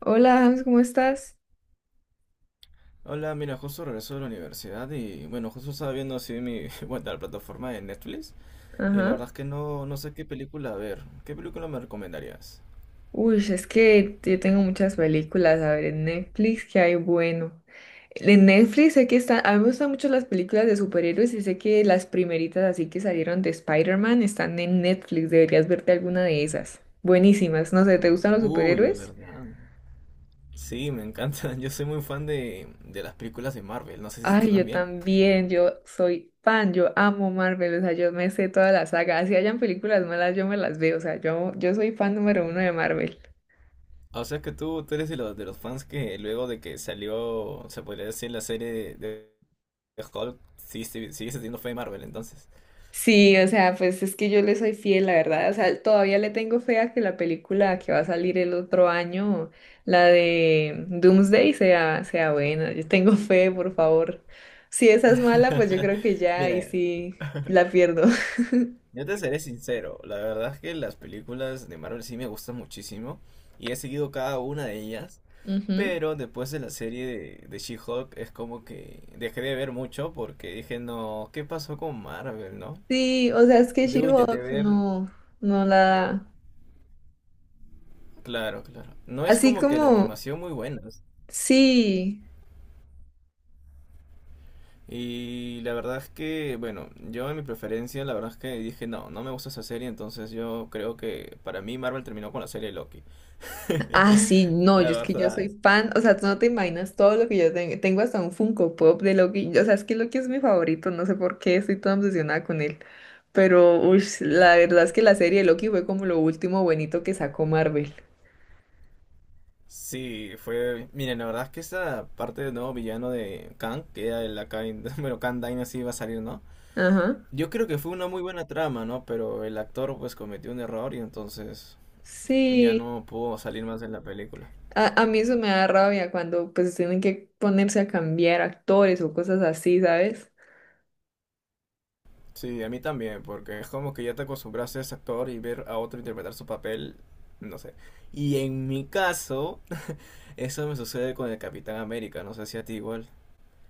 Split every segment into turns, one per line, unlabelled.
Hola, Hans, ¿cómo estás?
Hola, mira, justo regreso de la universidad y bueno, justo estaba viendo así mi, bueno, la plataforma de Netflix y la
Ajá.
verdad es que no, no sé qué película ver. ¿Qué película me recomendarías?
Uy, es que yo tengo muchas películas, a ver, en Netflix, ¿qué hay bueno? En Netflix sé que están, a mí me gustan mucho las películas de superhéroes y sé que las primeritas así que salieron de Spider-Man están en Netflix, deberías verte alguna de esas. Buenísimas, no sé, ¿te gustan los
Uy,
superhéroes?
¿verdad? Sí, me encanta. Yo soy muy fan de las películas de Marvel, no sé si tú
Ay, yo
también.
también, yo soy fan, yo amo Marvel, o sea, yo me sé toda la saga, así hayan películas malas, yo me las veo, o sea, yo soy fan número uno de Marvel.
O sea que tú eres de los fans que luego de que salió, se podría decir, la serie de Hulk, sí, sí, sigues teniendo fe en Marvel entonces.
Sí, o sea, pues es que yo le soy fiel, la verdad. O sea, todavía le tengo fe a que la película que va a salir el otro año, la de Doomsday, sea buena. Yo tengo fe, por favor. Si esa es mala, pues yo creo que ya ahí
Mira.
sí la pierdo.
Yo te seré sincero, la verdad es que las películas de Marvel sí me gustan muchísimo y he seguido cada una de ellas,
Ujú.
pero después de la serie de She-Hulk es como que dejé de ver mucho porque dije, no, ¿qué pasó con Marvel, no?
Sí, o sea, es que
Luego intenté
She-Hulk
ver,
no, no la da.
claro, claro, no es
Así
como que la
como,
animación muy buena.
sí.
Y la verdad es que, bueno, yo en mi preferencia, la verdad es que dije, no, no me gusta esa serie, entonces yo creo que para mí Marvel terminó con la serie Loki.
Ah, sí, no,
La
yo es que yo
verdad.
soy fan, o sea, tú no te imaginas todo lo que yo tengo hasta un Funko Pop de Loki, o sea, es que Loki es mi favorito, no sé por qué estoy tan obsesionada con él, pero uy, la verdad es que la serie de Loki fue como lo último bonito que sacó Marvel.
Sí, fue. Miren, la verdad es que esa parte del nuevo villano de Kang, que era el acá, bueno, Kang Dynasty iba a salir, ¿no?
Ajá.
Yo creo que fue una muy buena trama, ¿no? Pero el actor pues cometió un error y entonces ya
Sí,
no pudo salir más en la película.
a mí eso me da rabia cuando pues tienen que ponerse a cambiar actores o cosas así, ¿sabes?
Sí, a mí también, porque es como que ya te acostumbraste a ese actor y ver a otro interpretar su papel, no sé. Y en mi caso, eso me sucede con el Capitán América, no sé si a ti igual,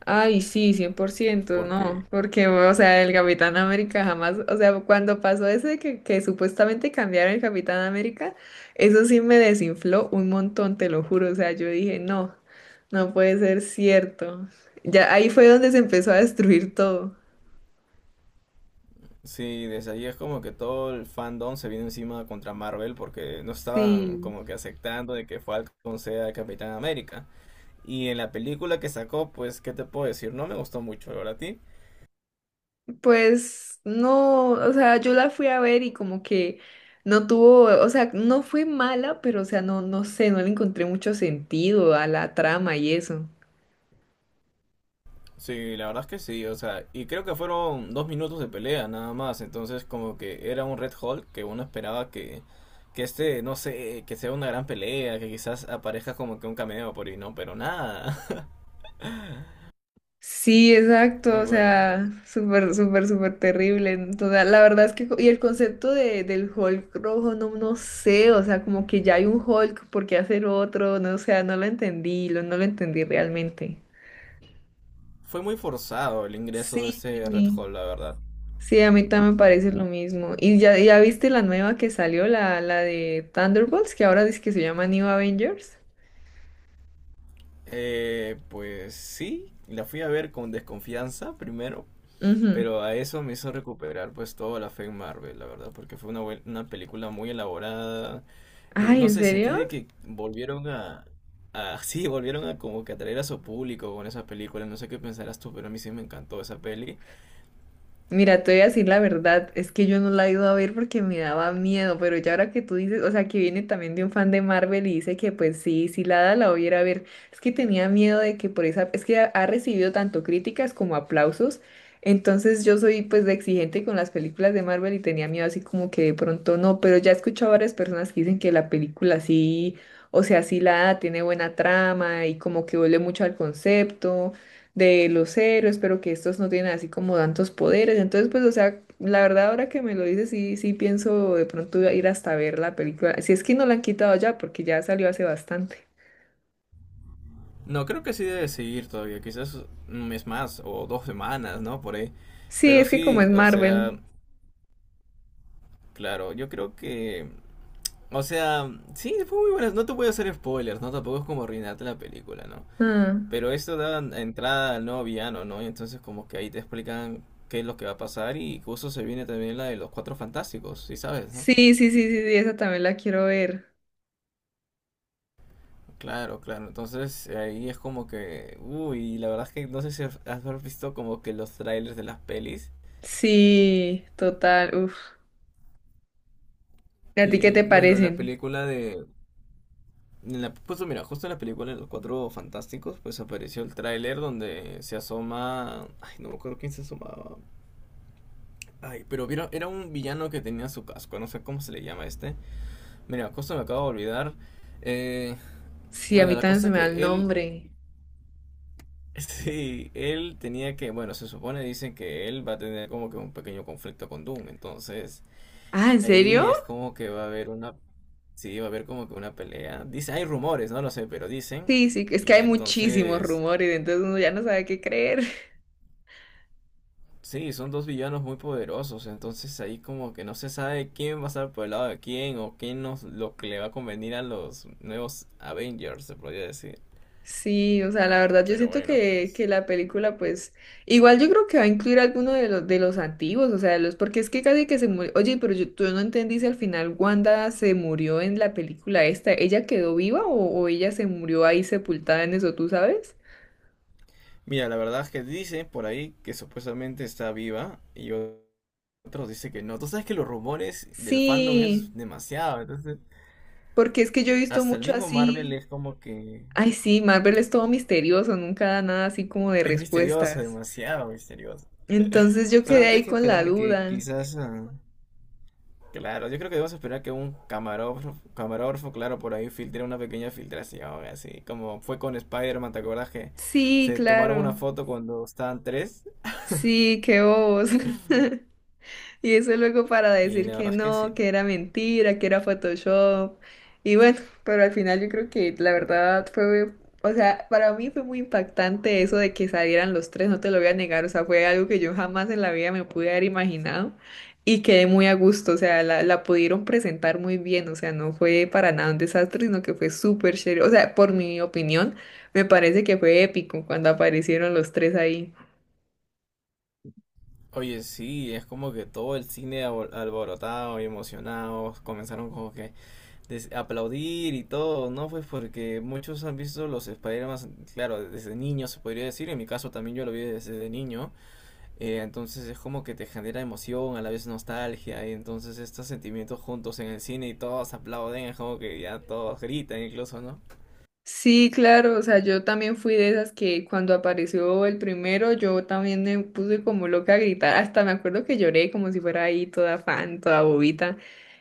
Ay, sí, 100%, no,
porque
porque, o sea, el Capitán América jamás, o sea, cuando pasó ese que supuestamente cambiaron el Capitán América, eso sí me desinfló un montón, te lo juro, o sea, yo dije, no, no puede ser cierto. Ya ahí fue donde se empezó a destruir todo.
sí, desde ahí es como que todo el fandom se viene encima contra Marvel porque no estaban
Sí,
como que aceptando de que Falcon sea Capitán América. Y en la película que sacó, pues, ¿qué te puedo decir? No me gustó mucho, ¿verdad a ti?
pues no, o sea, yo la fui a ver y como que no tuvo, o sea, no fue mala, pero, o sea, no, no sé, no le encontré mucho sentido a la trama y eso.
Sí, la verdad es que sí, o sea, y creo que fueron dos minutos de pelea nada más, entonces como que era un Red Hulk que uno esperaba que este, no sé, que sea una gran pelea, que quizás aparezca como que un cameo por ahí, no, pero nada.
Sí, exacto,
Y
o
bueno, pues,
sea, súper, súper, súper terrible. Entonces, la verdad es que, y el concepto de, del Hulk rojo, no, no sé, o sea, como que ya hay un Hulk, ¿por qué hacer otro? No, o sea, no lo entendí, no lo entendí realmente.
fue muy forzado el ingreso de
Sí,
ese Red Hulk, la verdad.
sí, a mí también me parece lo mismo. ¿Y ya, ya viste la nueva que salió, la de Thunderbolts, que ahora dice que se llama New Avengers?
Pues sí, la fui a ver con desconfianza primero,
Ujú.
pero a eso me hizo recuperar pues toda la fe en Marvel, la verdad, porque fue una, buen- una película muy elaborada.
Ay,
No
¿en
sé, sentí
serio?
de que volvieron a... Sí, volvieron a como que atraer a su público con esa película. No sé qué pensarás tú, pero a mí sí me encantó esa peli.
Mira, te voy a decir la verdad, es que yo no la he ido a ver porque me daba miedo, pero ya ahora que tú dices, o sea, que viene también de un fan de Marvel y dice que pues sí, si la da la voy a ir a ver, es que tenía miedo de que por esa, es que ha recibido tanto críticas como aplausos, entonces yo soy pues de exigente con las películas de Marvel y tenía miedo así como que de pronto no, pero ya he escuchado a varias personas que dicen que la película sí, o sea, sí la da, tiene buena trama y como que vuelve mucho al concepto de los héroes pero que estos no tienen así como tantos poderes. Entonces, pues, o sea, la verdad ahora que me lo dices, sí, sí pienso de pronto ir hasta ver la película. Si es que no la han quitado ya, porque ya salió hace bastante.
No, creo que sí debe seguir todavía, quizás un mes más o dos semanas, ¿no? Por ahí.
Sí,
Pero
es que como es
sí, o sea,
Marvel.
claro, yo creo que... O sea, sí, fue muy buena. No te voy a hacer spoilers, ¿no? Tampoco es como arruinarte la película, ¿no?
Ah,
Pero esto da entrada al nuevo villano, ¿no? Y entonces como que ahí te explican qué es lo que va a pasar y justo se viene también la de los Cuatro Fantásticos, ¿sí sabes, no?
sí, sí, sí, sí, sí, esa también la quiero ver.
Claro, claro. Entonces ahí es como que, uy, la verdad es que no sé si has visto como que los trailers de las pelis.
Sí, total, uf. ¿Y a ti qué
Y
te
bueno, en la
parecen?
película de... En la, pues mira, justo en la película de los Cuatro Fantásticos, pues apareció el tráiler donde se asoma... Ay, no me acuerdo quién se asomaba. Ay, pero vieron, era un villano que tenía su casco, no sé cómo se le llama este. Mira, cosa me acabo de olvidar. Eh,
Sí, a
bueno,
mí
la
también se
cosa
me da el
que él,
nombre.
sí, él tenía que, bueno, se supone, dicen que él va a tener como que un pequeño conflicto con Doom. Entonces,
Ah, ¿en
ahí
serio?
es como que va a haber una, sí, va a haber como que una pelea. Dice, hay rumores, no lo sé, pero dicen.
Sí, sí, es que
Y
hay muchísimos
entonces...
rumores, entonces uno ya no sabe qué creer.
Sí, son dos villanos muy poderosos, entonces ahí como que no se sabe quién va a estar por el lado de quién o quién nos, lo que le va a convenir a los nuevos Avengers, se podría decir.
Sí, o sea, la verdad yo
Pero
siento
bueno,
que,
pues.
que la película, pues, igual yo creo que va a incluir alguno de los antiguos, o sea, los, porque es que casi que se murió, oye, pero yo, tú no entendí si al final Wanda se murió en la película esta, ¿ella quedó viva o ella se murió ahí sepultada en eso, tú sabes?
Mira, la verdad es que dicen por ahí que supuestamente está viva y otros dicen que no. Tú sabes que los rumores del fandom es
Sí,
demasiado, entonces
porque es que yo he visto
hasta el
mucho
mismo Marvel
así,
es como que
ay sí, Marvel es todo misterioso, nunca da nada así como de
es misterioso,
respuestas,
demasiado misterioso.
entonces yo quedé
Solamente hay
ahí
que
con la
esperar que
duda,
quizás ah, claro, yo creo que debemos esperar que un camarógrafo, claro, por ahí filtre una pequeña filtración, así como fue con Spider-Man, ¿te acuerdas que
sí,
se tomaron una
claro,
foto cuando estaban tres?
sí, qué bobos. Y eso luego para
Y
decir
la
que
verdad es que
no,
sí.
que era mentira, que era Photoshop. Y bueno, pero al final yo creo que la verdad fue, o sea, para mí fue muy impactante eso de que salieran los tres, no te lo voy a negar, o sea, fue algo que yo jamás en la vida me pude haber imaginado y quedé muy a gusto, o sea, la pudieron presentar muy bien, o sea, no fue para nada un desastre, sino que fue súper chévere, o sea, por mi opinión, me parece que fue épico cuando aparecieron los tres ahí.
Oye, sí, es como que todo el cine abo- alborotado y emocionado comenzaron como que des- aplaudir y todo, ¿no? Pues porque muchos han visto los Spider-Man, claro, desde niños se podría decir, en mi caso también yo lo vi desde niño. Entonces es como que te genera emoción, a la vez nostalgia, y entonces estos sentimientos juntos en el cine y todos aplauden, es como que ya todos gritan incluso, ¿no?
Sí, claro, o sea, yo también fui de esas que cuando apareció el primero, yo también me puse como loca a gritar, hasta me acuerdo que lloré como si fuera ahí toda fan, toda bobita,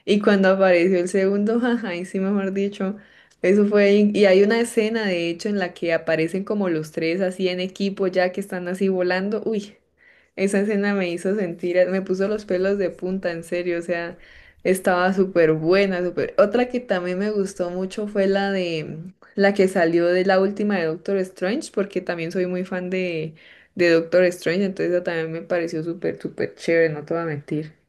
y cuando apareció el segundo, ajá, y sí, mejor dicho, eso fue, y hay una escena de hecho en la que aparecen como los tres así en equipo ya que están así volando, uy, esa escena me hizo sentir, me puso los pelos de punta, en serio, o sea, estaba súper buena, súper, otra que también me gustó mucho fue la de la que salió de la última de Doctor Strange, porque también soy muy fan de Doctor Strange, entonces esa también me pareció súper, súper chévere, no te voy a mentir.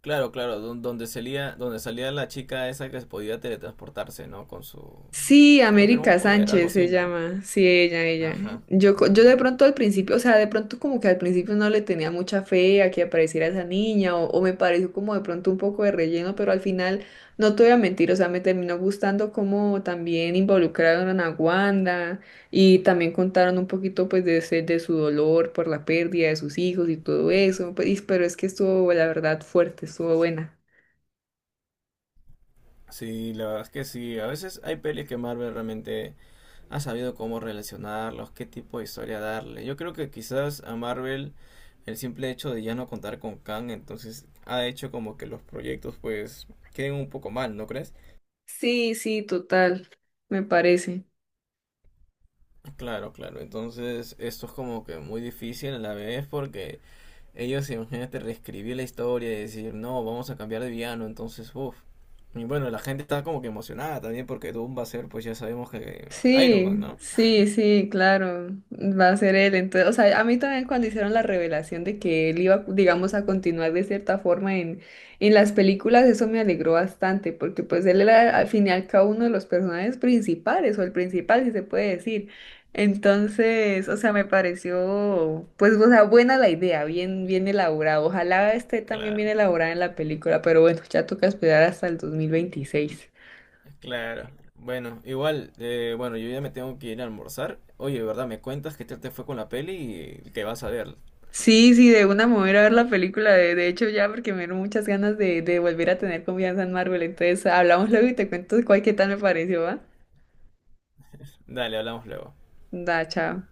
Claro, claro, don- donde salía la chica esa que podía teletransportarse, ¿no? Con su...
Sí,
Creo que era un
América
poder, algo
Sánchez se
así, ¿no?
llama. Sí, ella, ella.
Ajá.
Yo,
A
yo de
ver.
pronto al principio, o sea, de pronto como que al principio no le tenía mucha fe a que apareciera esa niña o me pareció como de pronto un poco de relleno, pero al final no te voy a mentir, o sea, me terminó gustando como también involucraron a Wanda y también contaron un poquito pues de, de su dolor por la pérdida de sus hijos y todo eso, pues, pero es que estuvo la verdad fuerte, estuvo buena.
Sí, la verdad es que sí, a veces hay pelis que Marvel realmente ha sabido cómo relacionarlos, qué tipo de historia darle. Yo creo que quizás a Marvel el simple hecho de ya no contar con Kang, entonces ha hecho como que los proyectos pues queden un poco mal, ¿no crees?
Sí, sí, total, me parece.
Claro, claro, entonces esto es como que muy difícil a la vez porque ellos imagínate reescribir la historia y decir, no, vamos a cambiar de villano, entonces, uff. Y bueno, la gente está como que emocionada también porque Doom va a ser, pues ya sabemos que Iron Man,
Sí,
¿no?
sí, sí, claro, va a ser él. Entonces, o sea, a mí también cuando hicieron la revelación de que él iba, digamos, a continuar de cierta forma en las películas, eso me alegró bastante, porque pues él era al fin y al cabo uno de los personajes principales, o el principal, si se puede decir. Entonces, o sea, me pareció, pues, o sea, buena la idea, bien, bien elaborada. Ojalá esté también bien
Claro.
elaborada en la película, pero bueno, ya toca esperar hasta el 2026.
Claro. Bueno, igual, bueno, yo ya me tengo que ir a almorzar. Oye, ¿verdad? Me cuentas qué tal te fue con la peli y que vas a ver.
Sí, sí, de una mover a ver la película, de hecho ya, porque me dieron muchas ganas de volver a tener confianza en Marvel. Entonces, hablamos luego y te cuento cuál qué tal me pareció, ¿va?
Dale, hablamos luego.
Da, chao.